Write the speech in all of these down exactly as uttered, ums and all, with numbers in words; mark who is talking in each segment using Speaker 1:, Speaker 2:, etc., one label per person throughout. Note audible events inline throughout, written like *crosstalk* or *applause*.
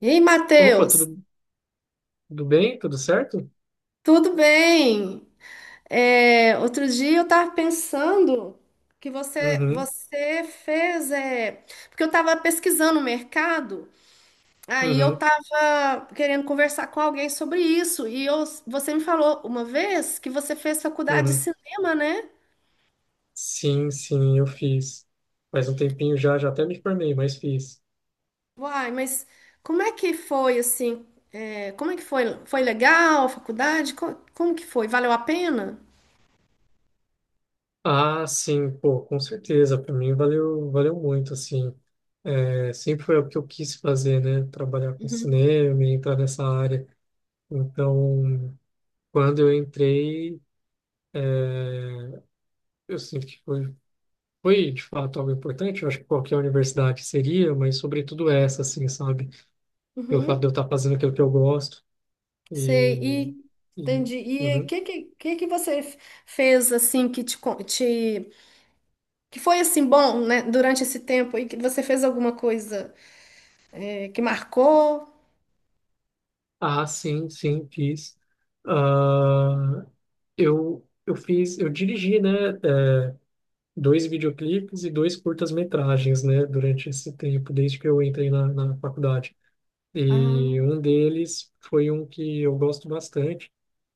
Speaker 1: Ei,
Speaker 2: Opa, tudo,
Speaker 1: Matheus,
Speaker 2: tudo bem? Tudo certo?
Speaker 1: tudo bem? É, outro dia eu estava pensando que você,
Speaker 2: Uhum,
Speaker 1: você fez, é, porque eu estava pesquisando o mercado, aí eu
Speaker 2: uhum,
Speaker 1: estava querendo conversar com alguém sobre isso, e eu- você me falou uma vez que você fez faculdade de
Speaker 2: uhum.
Speaker 1: cinema, né?
Speaker 2: Sim, sim, eu fiz. Faz um tempinho já, já até me formei, mas fiz.
Speaker 1: Uai, mas como é que foi assim? É, como é que foi? Foi legal a faculdade? Co- Como, que foi? Valeu a pena?
Speaker 2: Ah, sim, pô, com certeza. Para mim valeu, valeu muito, assim. É, sempre foi o que eu quis fazer, né? Trabalhar com
Speaker 1: Uhum.
Speaker 2: cinema e entrar nessa área. Então, quando eu entrei, é, eu sinto que foi, foi de fato algo importante. Eu acho que qualquer universidade seria, mas sobretudo essa, assim, sabe? Pelo fato
Speaker 1: Uhum.
Speaker 2: de eu estar fazendo aquilo que eu gosto.
Speaker 1: Sei,
Speaker 2: E,
Speaker 1: e
Speaker 2: e-
Speaker 1: entendi. E o
Speaker 2: uhum.
Speaker 1: que, que, que que você f- fez assim que te, con- te- que foi assim bom, né, durante esse tempo e que você fez alguma coisa, eh, que marcou?
Speaker 2: Ah, sim, sim, fiz. Ah, eu, eu fiz, eu dirigi, né, eh, dois videoclipes e dois curtas-metragens, né, durante esse tempo, desde que eu entrei na, na faculdade.
Speaker 1: Ah,
Speaker 2: E um deles foi um que eu gosto bastante,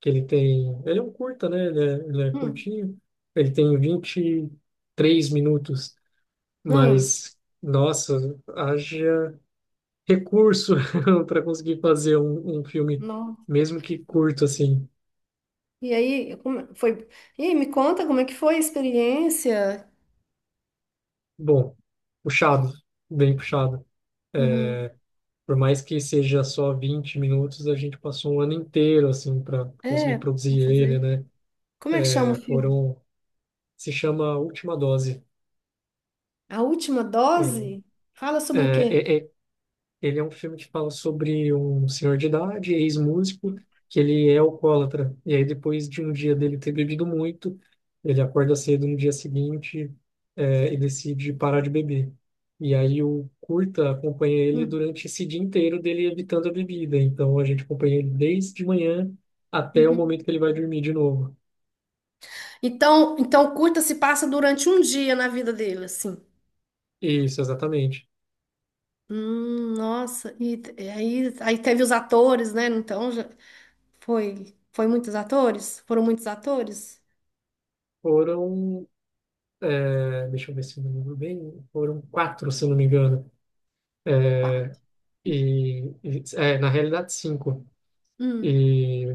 Speaker 2: que ele tem, ele é um curta, né, ele é, ele é
Speaker 1: hum,
Speaker 2: curtinho, ele tem vinte e três minutos,
Speaker 1: hum,
Speaker 2: mas, nossa, haja recurso *laughs* para conseguir fazer um, um filme,
Speaker 1: não.
Speaker 2: mesmo que curto, assim.
Speaker 1: E aí, como foi? E aí, me conta como é que foi a experiência?
Speaker 2: Bom, puxado, bem puxado.
Speaker 1: Uhum.
Speaker 2: É, por mais que seja só vinte minutos, a gente passou um ano inteiro, assim, para
Speaker 1: É,
Speaker 2: conseguir
Speaker 1: vai
Speaker 2: produzir ele,
Speaker 1: fazer.
Speaker 2: né?
Speaker 1: Como é que chama o
Speaker 2: É,
Speaker 1: filme?
Speaker 2: foram, se chama Última Dose.
Speaker 1: A última
Speaker 2: Ele,
Speaker 1: dose? Fala
Speaker 2: né?
Speaker 1: sobre o quê?
Speaker 2: É, é, ele é um filme que fala sobre um senhor de idade, ex-músico,
Speaker 1: Hum,
Speaker 2: que ele é alcoólatra. E aí, depois de um dia dele ter bebido muito, ele acorda cedo no dia seguinte, eh, e decide parar de beber. E aí, o curta acompanha ele
Speaker 1: hum,
Speaker 2: durante esse dia inteiro dele evitando a bebida. Então, a gente acompanha ele desde de manhã até o
Speaker 1: uhum.
Speaker 2: momento que ele vai dormir de novo.
Speaker 1: Então, então curta se passa durante um dia na vida dele, assim.
Speaker 2: Isso, exatamente.
Speaker 1: Hum, nossa, e t- e aí, aí teve os atores, né? Então já foi, foi muitos atores? Foram muitos atores?
Speaker 2: Foram, eh, deixa eu ver se eu me lembro bem, foram quatro, se eu não me engano.
Speaker 1: Quatro?
Speaker 2: É, e, e- é, na realidade, cinco.
Speaker 1: Hum,
Speaker 2: E,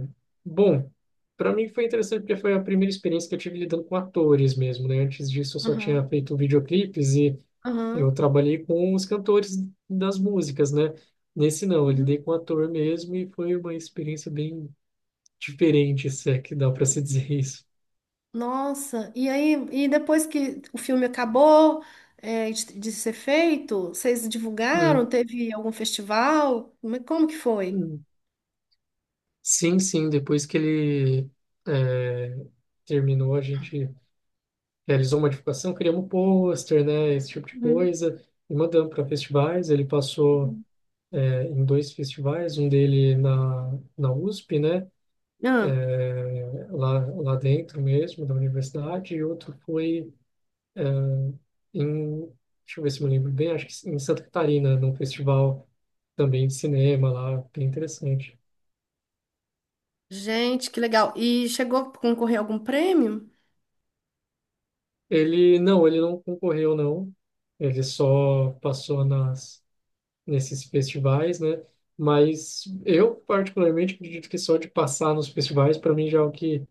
Speaker 2: bom, para mim foi interessante porque foi a primeira experiência que eu tive lidando com atores mesmo, né? Antes disso, eu só
Speaker 1: aham,
Speaker 2: tinha feito videoclipes e
Speaker 1: aham.
Speaker 2: eu trabalhei com os cantores das músicas, né? Nesse não, eu lidei
Speaker 1: Uhum.
Speaker 2: com ator mesmo e foi uma experiência bem diferente, se é que dá para se dizer *laughs* isso.
Speaker 1: Nossa, e aí, e depois que o filme acabou, é, de, de ser feito, vocês
Speaker 2: Hum,
Speaker 1: divulgaram? Teve algum festival? Como é, como que foi?
Speaker 2: hum. Sim, sim, depois que ele é, terminou, a gente realizou modificação, criamos um pôster, né, esse tipo de
Speaker 1: Uhum.
Speaker 2: coisa, e mandamos para festivais. Ele passou é, em dois festivais, um dele na, na U S P, né,
Speaker 1: Ah,
Speaker 2: é, lá, lá dentro mesmo, da universidade, e outro foi é, em, deixa eu ver se eu me lembro bem, acho que em Santa Catarina, num festival também de cinema lá, bem interessante.
Speaker 1: gente, que legal. E chegou a concorrer a algum prêmio?
Speaker 2: Ele, não, ele não concorreu, não. Ele só passou nas nesses festivais, né? Mas eu particularmente acredito que só de passar nos festivais para mim já é o que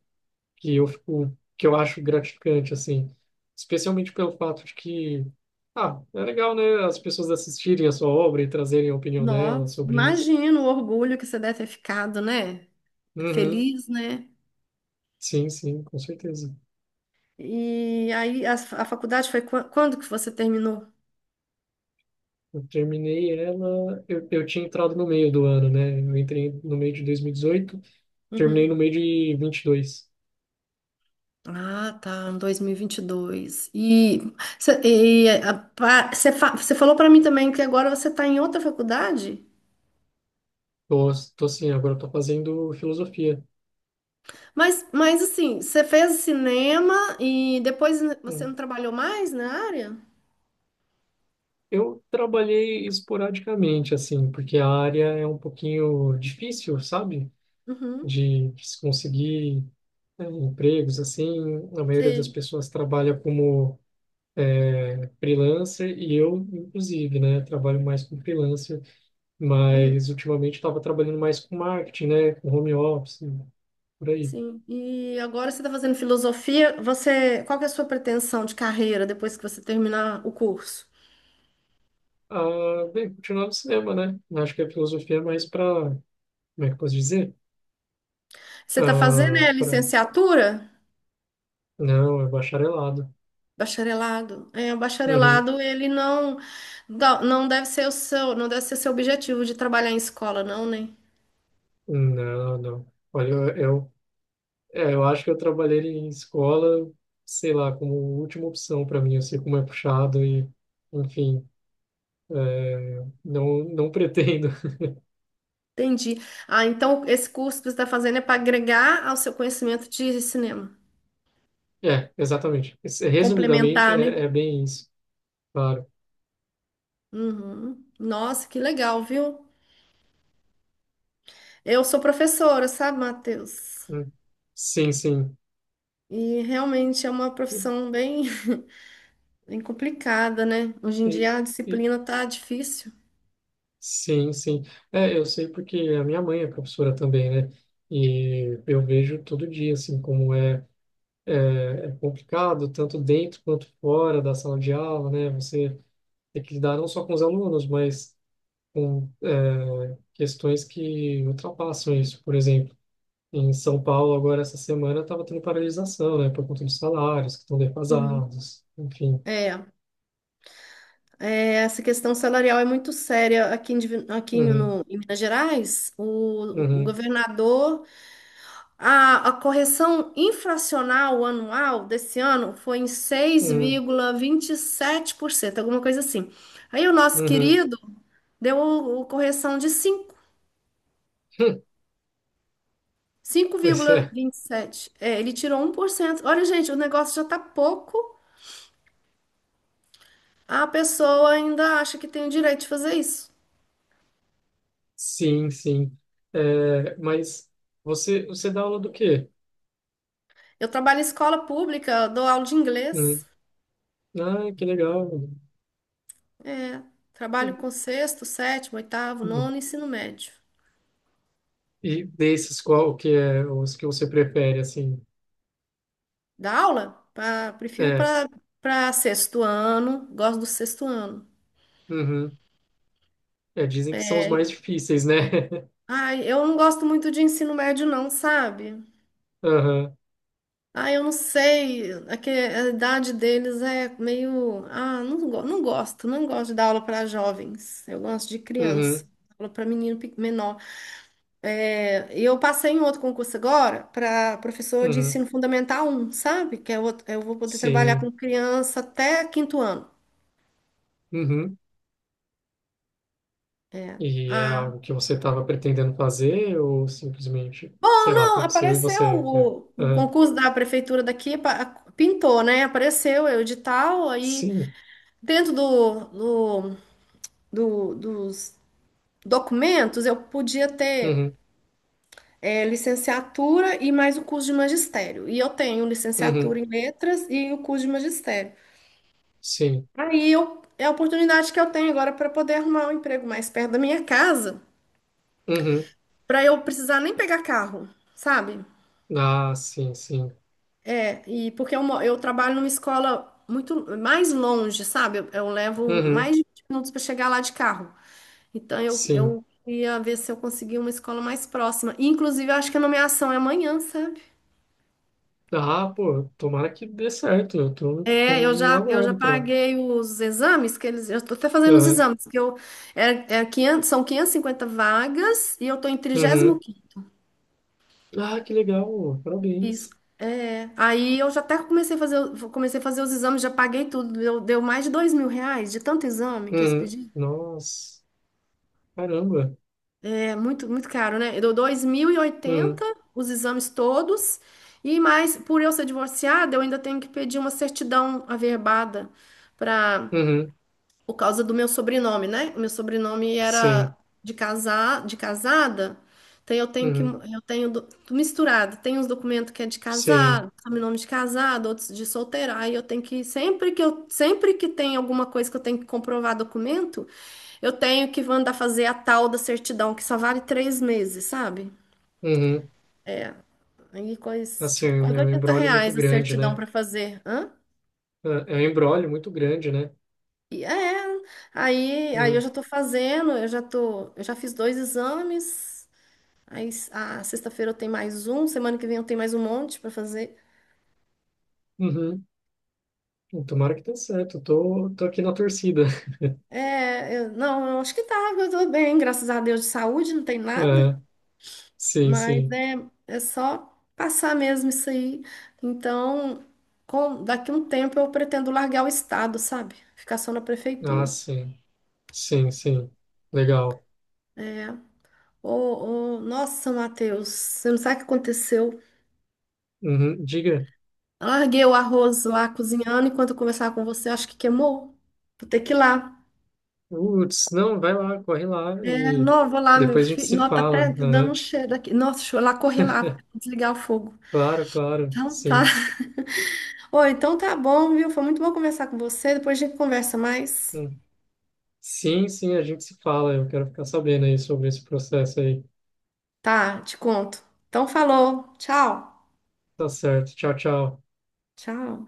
Speaker 2: que eu fico, que eu acho gratificante, assim, especialmente pelo fato de que, ah, é legal, né, as pessoas assistirem a sua obra e trazerem a opinião delas
Speaker 1: Nossa,
Speaker 2: sobre isso.
Speaker 1: imagino o orgulho que você deve ter ficado, né?
Speaker 2: Uhum.
Speaker 1: Feliz, né?
Speaker 2: Sim, sim, com certeza.
Speaker 1: E aí a, a faculdade foi qua- quando que você terminou?
Speaker 2: Eu terminei ela, eu, eu tinha entrado no meio do ano, né? Eu entrei no meio de dois mil e dezoito, terminei
Speaker 1: Uhum.
Speaker 2: no meio de vinte e dois.
Speaker 1: Ah, tá, em dois mil e vinte e dois. E vinte e dois. E você falou para mim também que agora você está em outra faculdade?
Speaker 2: Tô, tô assim, agora eu tô fazendo filosofia.
Speaker 1: Mas, mas assim, você fez cinema e depois você não trabalhou mais na área?
Speaker 2: Eu trabalhei esporadicamente, assim, porque a área é um pouquinho difícil, sabe?
Speaker 1: Uhum,
Speaker 2: De se conseguir, né, empregos, assim. A maioria das
Speaker 1: sei.
Speaker 2: pessoas trabalha como freelancer e eu, inclusive, né? Trabalho mais como freelancer, mas
Speaker 1: Uhum,
Speaker 2: ultimamente estava trabalhando mais com marketing, né? Com home office, por aí.
Speaker 1: sim. E agora você está fazendo filosofia. Você, qual que é a sua pretensão de carreira depois que você terminar o curso?
Speaker 2: Ah, bem, continuar no cinema, né? Acho que a filosofia é mais para, como é que eu posso dizer?
Speaker 1: Você está fazendo
Speaker 2: Ah,
Speaker 1: é
Speaker 2: para.
Speaker 1: licenciatura?
Speaker 2: Não, é bacharelado.
Speaker 1: Bacharelado. É, o
Speaker 2: Uhum.
Speaker 1: bacharelado, ele não dá- não deve ser o seu, não deve ser seu objetivo de trabalhar em escola, não, né?
Speaker 2: Não, não. Olha, eu, eu, é, eu acho que eu trabalhei em escola, sei lá, como última opção para mim. Eu sei como é puxado e, enfim, é, não, não pretendo. *laughs*
Speaker 1: Entendi. Ah, então esse curso que você está fazendo é para agregar ao seu conhecimento de cinema,
Speaker 2: É, exatamente. Esse- Resumidamente,
Speaker 1: complementar, né?
Speaker 2: é, é bem isso, claro.
Speaker 1: Uhum. Nossa, que legal, viu? Eu sou professora, sabe, Matheus?
Speaker 2: Hum. Sim, sim.
Speaker 1: E realmente é uma
Speaker 2: E-
Speaker 1: profissão bem, *laughs* bem complicada, né? Hoje em
Speaker 2: e-
Speaker 1: dia a
Speaker 2: e-
Speaker 1: disciplina tá difícil.
Speaker 2: sim, sim. É, eu sei porque a minha mãe é professora também, né? E eu vejo todo dia, assim, como é, é complicado, tanto dentro quanto fora da sala de aula, né? Você tem que lidar não só com os alunos, mas com é, questões que ultrapassam isso. Por exemplo, em São Paulo, agora essa semana, estava tendo paralisação, né, por conta dos salários que estão
Speaker 1: Uhum.
Speaker 2: defasados, enfim.
Speaker 1: É. Essa questão salarial é muito séria aqui em, Divi- aqui em-
Speaker 2: Uhum,
Speaker 1: no, em Minas Gerais. O, o-
Speaker 2: uhum,
Speaker 1: governador, a, a correção inflacional anual desse ano foi em
Speaker 2: uhum,
Speaker 1: seis vírgula vinte e sete por cento, alguma coisa assim. Aí o nosso
Speaker 2: uhum.
Speaker 1: querido deu o, o correção de cinco,
Speaker 2: *laughs* Pois é,
Speaker 1: cinco vírgula vinte e sete. É, ele tirou um por cento. Olha, gente, o negócio já tá pouco, a pessoa ainda acha que tem o direito de fazer isso.
Speaker 2: sim, sim. É, mas você, você dá aula do quê?
Speaker 1: Eu trabalho em escola pública, eu dou aula de
Speaker 2: Hum,
Speaker 1: inglês.
Speaker 2: Ah, que legal. Hum,
Speaker 1: Trabalho com sexto, sétimo, oitavo,
Speaker 2: hum.
Speaker 1: nono, ensino médio.
Speaker 2: E desses, qual que é os que você prefere, assim?
Speaker 1: Dá aula? Pra- prefiro
Speaker 2: É,
Speaker 1: para para sexto ano, gosto do sexto ano.
Speaker 2: uhum. É, dizem que são os
Speaker 1: É,
Speaker 2: mais difíceis, né? *laughs*
Speaker 1: ai, eu não gosto muito de ensino médio, não, sabe?
Speaker 2: Aham,
Speaker 1: Ai, eu não sei. É que a idade deles é meio. Ah, não, go- não gosto. Não gosto de dar aula para jovens. Eu gosto de criança.
Speaker 2: uhum,
Speaker 1: Aula para menino pe- menor. Eu passei em outro concurso agora para professor de
Speaker 2: uhum,
Speaker 1: ensino fundamental um, sabe? Que é outro, eu vou poder trabalhar
Speaker 2: sim,
Speaker 1: com criança até quinto ano.
Speaker 2: uhum. E é
Speaker 1: Ah,
Speaker 2: algo que você estava pretendendo fazer ou simplesmente,
Speaker 1: bom,
Speaker 2: sei lá,
Speaker 1: não,
Speaker 2: aconteceu e
Speaker 1: apareceu
Speaker 2: você. É.
Speaker 1: o, o
Speaker 2: Aham,
Speaker 1: concurso da prefeitura daqui, pa- pintou, né? Apareceu o edital, aí
Speaker 2: sim,
Speaker 1: dentro do, do, do- dos documentos eu podia ter,
Speaker 2: uhum,
Speaker 1: é, licenciatura e mais o curso de magistério. E eu tenho
Speaker 2: uhum,
Speaker 1: licenciatura em letras e o curso de magistério.
Speaker 2: sim,
Speaker 1: Aí eu, é a oportunidade que eu tenho agora para poder arrumar um emprego mais perto da minha casa,
Speaker 2: uhum.
Speaker 1: para eu precisar nem pegar carro, sabe?
Speaker 2: Ah, sim, sim,
Speaker 1: É, e porque eu, mo- eu trabalho numa escola muito mais longe, sabe? Eu, eu levo
Speaker 2: uhum,
Speaker 1: mais de vinte minutos para chegar lá de carro. Então eu,
Speaker 2: sim.
Speaker 1: eu queria ver se eu conseguia uma escola mais próxima. Inclusive, eu acho que a nomeação é amanhã, sabe?
Speaker 2: Ah, pô, tomara que dê certo, eu tô, tô
Speaker 1: É, eu
Speaker 2: no
Speaker 1: já, eu já
Speaker 2: aguardo pra.
Speaker 1: paguei os exames que eles. Eu tô até fazendo os
Speaker 2: Aham,
Speaker 1: exames, que eu. É, é quinhentas, são quinhentas e cinquenta vagas e eu tô em
Speaker 2: uhum.
Speaker 1: trinta e cinco.
Speaker 2: Ah, que legal,
Speaker 1: Isso.
Speaker 2: parabéns.
Speaker 1: É. Aí eu já até comecei a fazer, o- comecei a fazer os exames, já paguei tudo. Deu, deu mais de dois mil reais de tanto exame que eles
Speaker 2: Uhum.
Speaker 1: pediram.
Speaker 2: Nossa, caramba.
Speaker 1: É muito, muito caro, né? Deu dois mil e oitenta
Speaker 2: Uhum.
Speaker 1: os exames todos. E mais, por eu ser divorciada, eu ainda tenho que pedir uma certidão averbada, para,
Speaker 2: Uhum.
Speaker 1: por causa do meu sobrenome, né? O meu sobrenome
Speaker 2: Sim,
Speaker 1: era de casar, de casada. Então eu tenho que
Speaker 2: uhum,
Speaker 1: eu tenho do- misturado, tem uns documentos que é de
Speaker 2: sim,
Speaker 1: casado, sobrenome de casado, outros de solteira. Aí eu tenho que, sempre que eu sempre que tem alguma coisa que eu tenho que comprovar documento, eu tenho que mandar fazer a tal da certidão, que só vale três meses, sabe?
Speaker 2: uhum.
Speaker 1: Aí coisa
Speaker 2: Assim, é
Speaker 1: tipo
Speaker 2: um
Speaker 1: quase
Speaker 2: é um
Speaker 1: 80
Speaker 2: embrólio muito
Speaker 1: reais a
Speaker 2: grande,
Speaker 1: certidão
Speaker 2: né?
Speaker 1: para fazer, hã?
Speaker 2: É é um embrólio muito grande, né?
Speaker 1: E é, aí, aí eu
Speaker 2: Uhum,
Speaker 1: já tô fazendo, eu já tô, eu já fiz dois exames. Aí s- a sexta-feira eu tenho mais um, semana que vem eu tenho mais um monte para fazer.
Speaker 2: uhum. Tomara que dê certo, tô, tô aqui na torcida. *laughs*
Speaker 1: É, eu- não, eu acho que tá, eu tô bem, graças a Deus, de saúde, não tem nada,
Speaker 2: É, sim,
Speaker 1: mas
Speaker 2: sim.
Speaker 1: é, é só passar mesmo isso aí. Então, com- daqui um tempo eu pretendo largar o estado, sabe? Ficar só na
Speaker 2: Ah,
Speaker 1: prefeitura.
Speaker 2: sim, sim, sim. Legal.
Speaker 1: É. Ô, ô, nossa, Matheus, você não sabe o que aconteceu?
Speaker 2: Uhum, diga.
Speaker 1: Eu larguei o arroz lá cozinhando enquanto eu conversava com você, acho que queimou. Vou ter que ir lá.
Speaker 2: Uts, não, vai lá, corre lá e
Speaker 1: Não, vou lá, meu
Speaker 2: depois a gente
Speaker 1: filho.
Speaker 2: se
Speaker 1: Nossa, tá,
Speaker 2: fala.
Speaker 1: até tá dando um
Speaker 2: Uhum,
Speaker 1: cheiro aqui. Nossa, deixa eu lá, correr lá, pra desligar o fogo.
Speaker 2: claro, claro,
Speaker 1: Então tá.
Speaker 2: sim.
Speaker 1: *laughs* Oi, então tá bom, viu? Foi muito bom conversar com você. Depois a gente conversa mais.
Speaker 2: Hum. Sim, sim, a gente se fala. Eu quero ficar sabendo aí sobre esse processo aí.
Speaker 1: Tá, te conto. Então falou. Tchau.
Speaker 2: Tá certo. Tchau, tchau.
Speaker 1: Tchau.